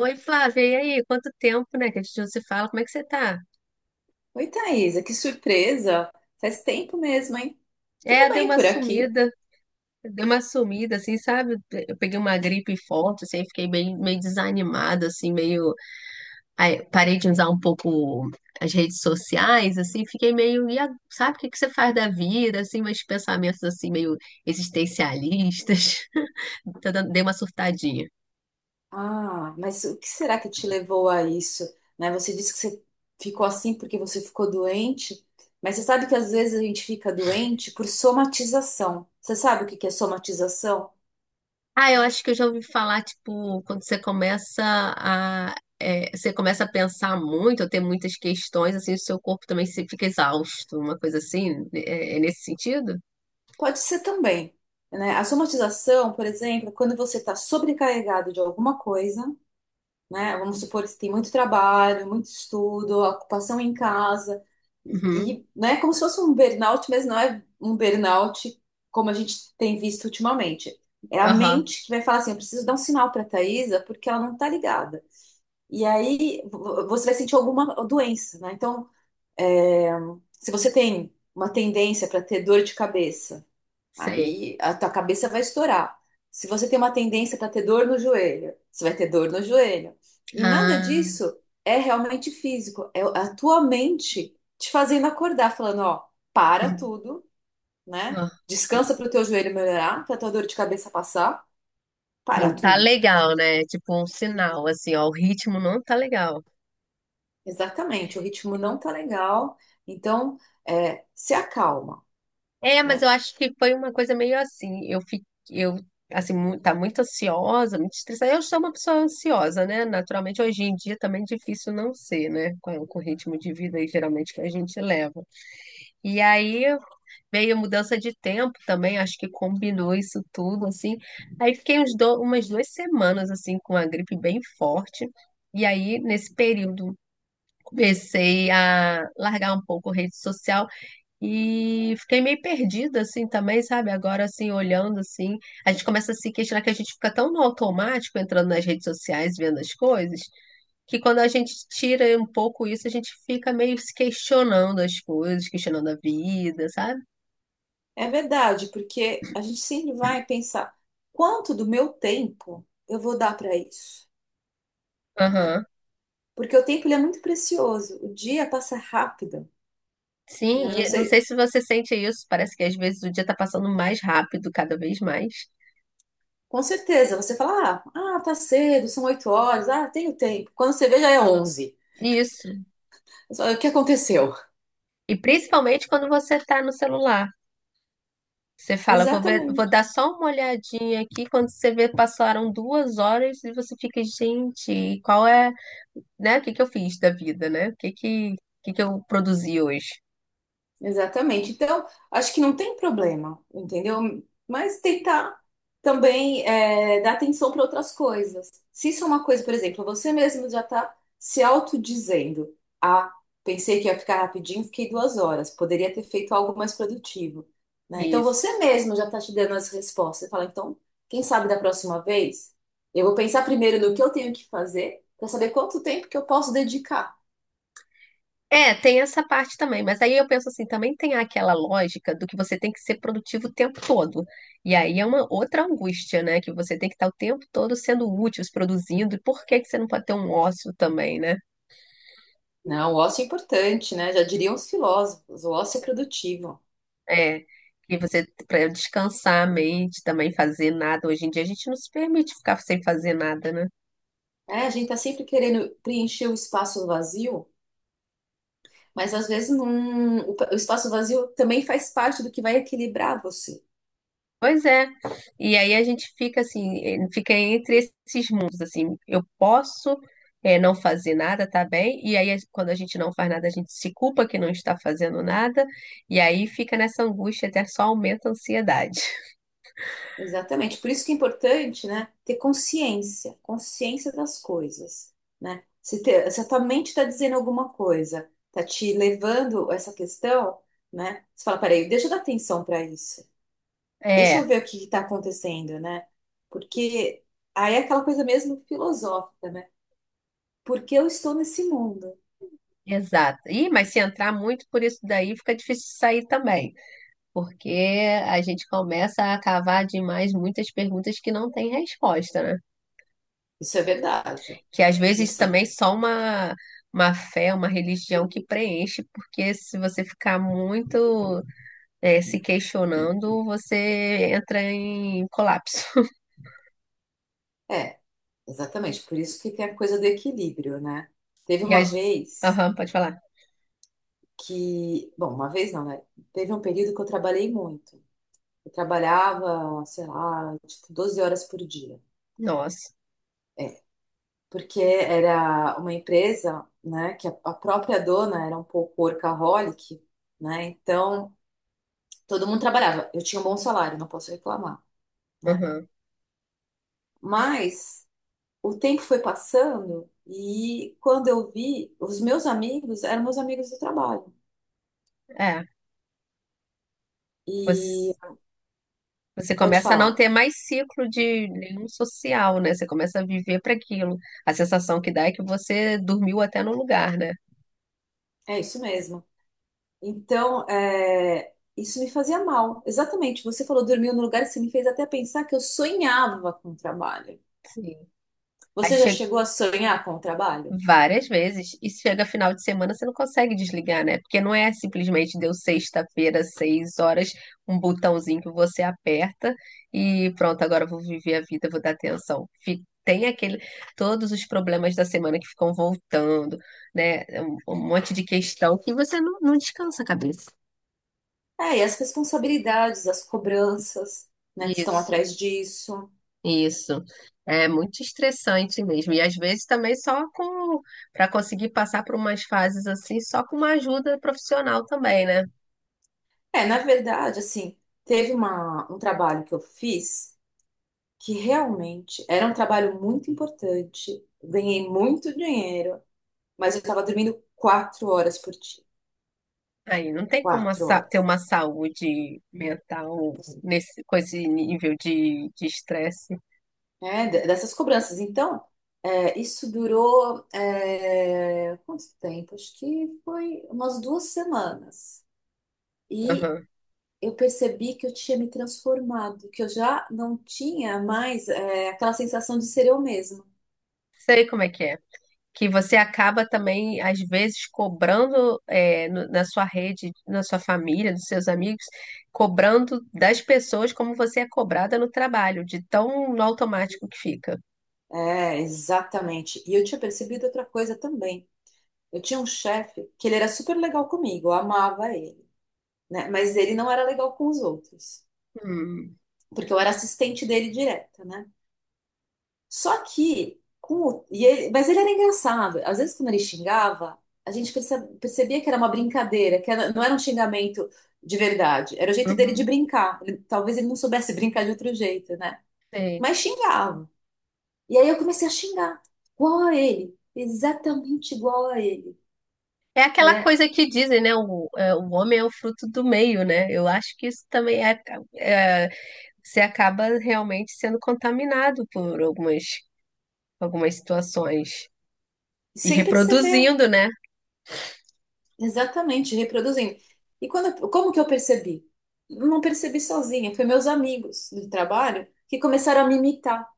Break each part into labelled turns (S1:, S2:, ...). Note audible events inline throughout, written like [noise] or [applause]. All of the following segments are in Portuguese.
S1: Oi, Flávia, e aí? Quanto tempo, né, que a gente não se fala? Como é que você tá?
S2: Oi, Thaisa, que surpresa! Faz tempo mesmo, hein? Tudo
S1: É,
S2: bem por aqui?
S1: deu uma sumida, assim, sabe? Eu peguei uma gripe forte, assim, fiquei bem, meio desanimada, assim, meio... Aí, parei de usar um pouco as redes sociais, assim, fiquei meio... Sabe, o que que você faz da vida, assim, meus pensamentos, assim, meio existencialistas. [laughs] Dei uma surtadinha.
S2: Ah, mas o que será que te levou a isso? Né? Você disse que você ficou assim porque você ficou doente, mas você sabe que às vezes a gente fica doente por somatização. Você sabe o que que é somatização?
S1: Ah, eu acho que eu já ouvi falar, tipo, quando você começa a você começa a pensar muito, a ter muitas questões, assim, o seu corpo também fica exausto, uma coisa assim, né, é nesse sentido?
S2: Pode ser também, né? A somatização, por exemplo, é quando você está sobrecarregado de alguma coisa, né? Vamos supor que tem muito trabalho, muito estudo, ocupação em casa, e,
S1: Uhum,
S2: e, né, como se fosse um burnout, mas não é um burnout como a gente tem visto ultimamente. É a
S1: aham,
S2: mente que vai falar assim, eu preciso dar um sinal para a Thaisa porque ela não está ligada. E aí você vai sentir alguma doença, né? Então, é, se você tem uma tendência para ter dor de cabeça,
S1: sei.
S2: aí a tua cabeça vai estourar. Se você tem uma tendência para ter dor no joelho, você vai ter dor no joelho. E nada
S1: Ah,
S2: disso é realmente físico, é a tua mente te fazendo acordar, falando, ó, para
S1: hum,
S2: tudo, né?
S1: ó,
S2: Descansa para o teu joelho melhorar, para a tua dor de cabeça passar, para
S1: não tá
S2: tudo.
S1: legal, né? Tipo, um sinal, assim, ó, o ritmo não tá legal.
S2: Exatamente, o ritmo não tá legal, então se acalma,
S1: É, mas
S2: né?
S1: eu acho que foi uma coisa meio assim. Eu fico, eu assim, tá muito ansiosa, muito estressada. Eu sou uma pessoa ansiosa, né? Naturalmente, hoje em dia também é difícil não ser, né? Com o ritmo de vida aí, geralmente que a gente leva. E aí veio a mudança de tempo também, acho que combinou isso tudo, assim. Aí fiquei umas 2 semanas assim com a gripe bem forte. E aí, nesse período, comecei a largar um pouco a rede social. E fiquei meio perdida, assim, também, sabe? Agora, assim, olhando, assim, a gente começa a se questionar que a gente fica tão no automático entrando nas redes sociais, vendo as coisas, que quando a gente tira um pouco isso, a gente fica meio se questionando as coisas, questionando a vida, sabe?
S2: É verdade, porque a gente sempre vai pensar, quanto do meu tempo eu vou dar para isso?
S1: Aham.
S2: Porque o tempo ele é muito precioso. O dia passa rápido,
S1: Sim,
S2: né? Não
S1: e não sei
S2: sei,
S1: se você sente isso, parece que às vezes o dia tá passando mais rápido, cada vez mais.
S2: com certeza, você fala, ah, tá cedo, são 8 horas, ah, tenho tempo. Quando você vê, já é 11.
S1: Isso.
S2: Você fala, o que aconteceu?
S1: E principalmente quando você tá no celular. Você fala, vou ver, vou
S2: Exatamente.
S1: dar só uma olhadinha aqui. Quando você vê, passaram 2 horas e você fica, gente, qual é, né? O que que eu fiz da vida, né? O que que eu produzi hoje?
S2: Exatamente. Então, acho que não tem problema, entendeu? Mas tentar também dar atenção para outras coisas. Se isso é uma coisa, por exemplo, você mesmo já está se autodizendo, ah, pensei que ia ficar rapidinho, fiquei 2 horas. Poderia ter feito algo mais produtivo, né? Então,
S1: Isso.
S2: você mesmo já está te dando as respostas. Você fala, então, quem sabe da próxima vez, eu vou pensar primeiro no que eu tenho que fazer para saber quanto tempo que eu posso dedicar.
S1: É, tem essa parte também, mas aí eu penso assim, também tem aquela lógica do que você tem que ser produtivo o tempo todo. E aí é uma outra angústia, né? Que você tem que estar o tempo todo sendo útil, se produzindo. E por que que você não pode ter um ócio também, né?
S2: Não, o ócio é importante, né? Já diriam os filósofos, o ócio é produtivo.
S1: É, que você para descansar a mente, também fazer nada. Hoje em dia a gente não se permite ficar sem fazer nada, né?
S2: É, a gente tá sempre querendo preencher o espaço vazio, mas às vezes não, o espaço vazio também faz parte do que vai equilibrar você.
S1: Pois é. E aí a gente fica assim, fica entre esses mundos, assim, eu posso não fazer nada, tá bem? E aí quando a gente não faz nada, a gente se culpa que não está fazendo nada, e aí fica nessa angústia, até só aumenta a ansiedade. [laughs]
S2: Exatamente. Por isso que é importante, né, ter consciência, consciência das coisas, né? Se a tua mente está dizendo alguma coisa, tá te levando a essa questão, né? Você fala, peraí, deixa eu dar atenção para isso. Deixa eu
S1: É,
S2: ver o que está acontecendo, né? Porque aí é aquela coisa mesmo filosófica, né? Por que eu estou nesse mundo?
S1: exato. Ih, mas se entrar muito por isso daí, fica difícil sair também, porque a gente começa a cavar demais muitas perguntas que não têm resposta, né?
S2: Isso é verdade.
S1: Que às vezes
S2: Isso
S1: também só uma fé, uma religião que preenche, porque se você ficar muito se questionando, você entra em colapso. [laughs]
S2: é, exatamente. Por isso que tem a coisa do equilíbrio, né? Teve
S1: E
S2: uma
S1: as...
S2: vez
S1: Aham, pode falar.
S2: que, bom, uma vez não, né? Teve um período que eu trabalhei muito. Eu trabalhava, sei lá, tipo 12 horas por dia,
S1: Nossa.
S2: porque era uma empresa, né, que a própria dona era um pouco workaholic, né? Então, todo mundo trabalhava. Eu tinha um bom salário, não posso reclamar, né?
S1: Aham.
S2: Mas o tempo foi passando e quando eu vi, os meus amigos eram meus amigos do trabalho.
S1: É.
S2: E
S1: Você, você
S2: pode
S1: começa a não
S2: falar.
S1: ter mais ciclo de nenhum social, né? Você começa a viver para aquilo. A sensação que dá é que você dormiu até no lugar, né?
S2: É isso mesmo. Então, isso me fazia mal. Exatamente. Você falou dormiu no lugar, você me fez até pensar que eu sonhava com o trabalho.
S1: Sim. Aí
S2: Você já
S1: chega
S2: chegou a sonhar com o trabalho?
S1: várias vezes e chega final de semana você não consegue desligar, né? Porque não é simplesmente deu sexta-feira, 6 horas, um botãozinho que você aperta e pronto, agora eu vou viver a vida, vou dar atenção. Todos os problemas da semana que ficam voltando, né? Um monte de questão que você não descansa a cabeça.
S2: É, e as responsabilidades, as cobranças, né, que estão
S1: Isso.
S2: atrás disso.
S1: Isso. É muito estressante mesmo. E às vezes também só com para conseguir passar por umas fases assim, só com uma ajuda profissional também, né?
S2: É, na verdade, assim, teve uma, um trabalho que eu fiz que realmente era um trabalho muito importante. Ganhei muito dinheiro, mas eu estava dormindo 4 horas por dia.
S1: Aí não tem como
S2: Quatro
S1: ter
S2: horas.
S1: uma saúde mental nesse, com esse nível de estresse.
S2: É, dessas cobranças. Então, isso durou, é, quanto tempo? Acho que foi umas 2 semanas. E
S1: Aham.
S2: eu percebi que eu tinha me transformado, que eu já não tinha mais, é, aquela sensação de ser eu mesma.
S1: Sei como é. Que você acaba também, às vezes, cobrando na sua rede, na sua família, dos seus amigos, cobrando das pessoas como você é cobrada no trabalho, de tão automático que fica.
S2: É, exatamente. E eu tinha percebido outra coisa também. Eu tinha um chefe que ele era super legal comigo, eu amava ele, né? Mas ele não era legal com os outros,
S1: Hum,
S2: porque eu era assistente dele direta, né? Só que, com o- e ele- mas ele era engraçado. Às vezes, quando ele xingava, a gente percebia que era uma brincadeira, não era um xingamento de verdade. Era o jeito dele de
S1: uhum,
S2: brincar. Talvez ele não soubesse [laughs] brincar de outro jeito, né?
S1: sei.
S2: Mas xingava. E aí eu comecei a xingar, igual a ele, exatamente igual a ele,
S1: É aquela
S2: né?
S1: coisa que dizem, né? O homem é o fruto do meio, né? Eu acho que isso também é, é, você acaba realmente sendo contaminado por algumas situações e
S2: Sem perceber,
S1: reproduzindo, né?
S2: exatamente, reproduzindo. E quando, como que eu percebi? Não percebi sozinha, foi meus amigos do trabalho que começaram a me imitar.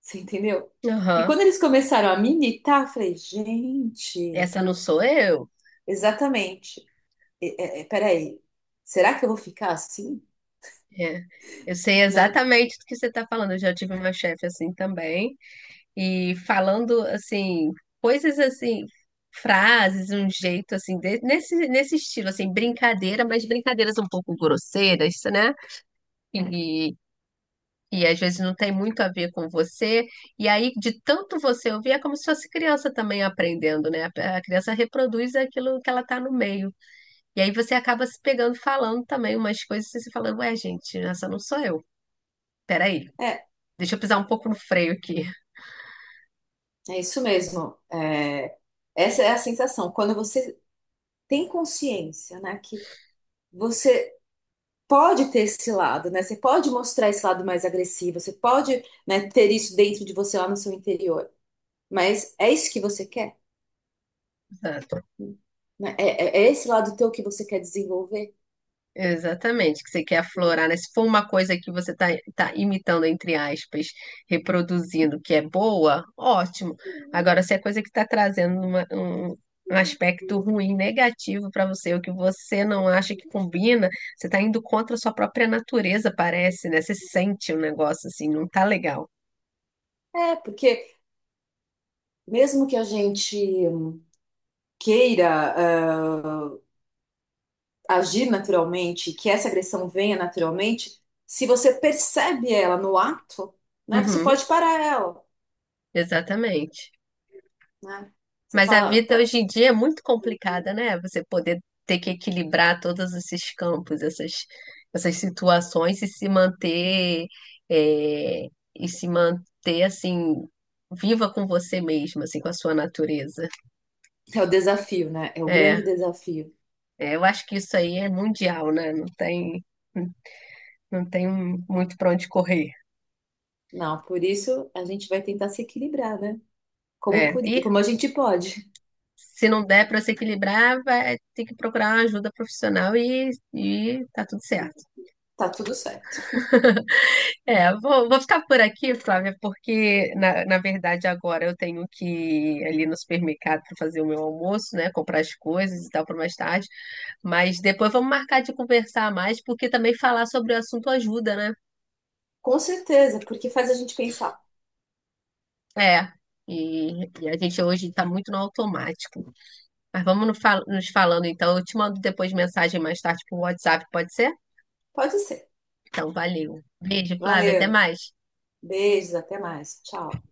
S2: Você entendeu? E quando
S1: Aham.
S2: eles começaram a militar, eu falei, gente,
S1: Essa não sou eu.
S2: exatamente. Peraí, será que eu vou ficar assim,
S1: É. Eu sei
S2: né?
S1: exatamente do que você está falando. Eu já tive uma chefe assim também, e falando assim, coisas assim, frases, um jeito assim, de- nesse estilo, assim, brincadeira, mas brincadeiras um pouco grosseiras, né? E, e às vezes não tem muito a ver com você. E aí, de tanto você ouvir, é como se fosse criança também aprendendo, né? A criança reproduz aquilo que ela tá no meio. E aí você acaba se pegando falando também umas coisas e você fala, ué, gente, essa não sou eu. Peraí,
S2: É,
S1: deixa eu pisar um pouco no freio aqui.
S2: é isso mesmo. É, essa é a sensação. Quando você tem consciência, né, que você pode ter esse lado, né? Você pode mostrar esse lado mais agressivo, você pode, né, ter isso dentro de você lá no seu interior. Mas é isso que você quer?
S1: [laughs]
S2: Né? É, é esse lado teu que você quer desenvolver?
S1: Exatamente, que você quer aflorar, né? Se for uma coisa que você tá, tá imitando, entre aspas, reproduzindo, que é boa, ótimo. Agora, se é coisa que está trazendo um aspecto ruim, negativo para você, o que você não acha que combina, você está indo contra a sua própria natureza, parece, né? Você sente o negócio assim, não tá legal.
S2: É, porque mesmo que a gente queira, ah, agir naturalmente, que essa agressão venha naturalmente, se você percebe ela no ato, né, você
S1: Uhum,
S2: pode parar ela,
S1: exatamente.
S2: né? Você
S1: Mas a
S2: fala,
S1: vida hoje em dia é muito complicada, né? Você poder ter que equilibrar todos esses campos, essas situações e se manter, é, e se manter assim, viva com você mesma, assim, com a sua natureza.
S2: é o desafio, né? É o grande
S1: É,
S2: desafio.
S1: é, eu acho que isso aí é mundial, né? Não tem, não tem muito para onde correr.
S2: Não, por isso a gente vai tentar se equilibrar, né? Como,
S1: É, e
S2: como a gente pode.
S1: se não der para se equilibrar, vai ter que procurar uma ajuda profissional e tá tudo certo.
S2: Tá tudo certo.
S1: É, vou, vou ficar por aqui, Flávia, porque na verdade agora eu tenho que ir ali no supermercado para fazer o meu almoço, né? Comprar as coisas e tal para mais tarde. Mas depois vamos marcar de conversar mais, porque também falar sobre o assunto ajuda, né?
S2: Com certeza, porque faz a gente pensar.
S1: É. E, e a gente hoje está muito no automático. Mas vamos no fal- nos falando então. Eu te mando depois mensagem mais tarde por WhatsApp, pode ser?
S2: Pode ser.
S1: Então, valeu. Beijo, Flávia, até
S2: Valeu.
S1: mais.
S2: Beijos, até mais. Tchau.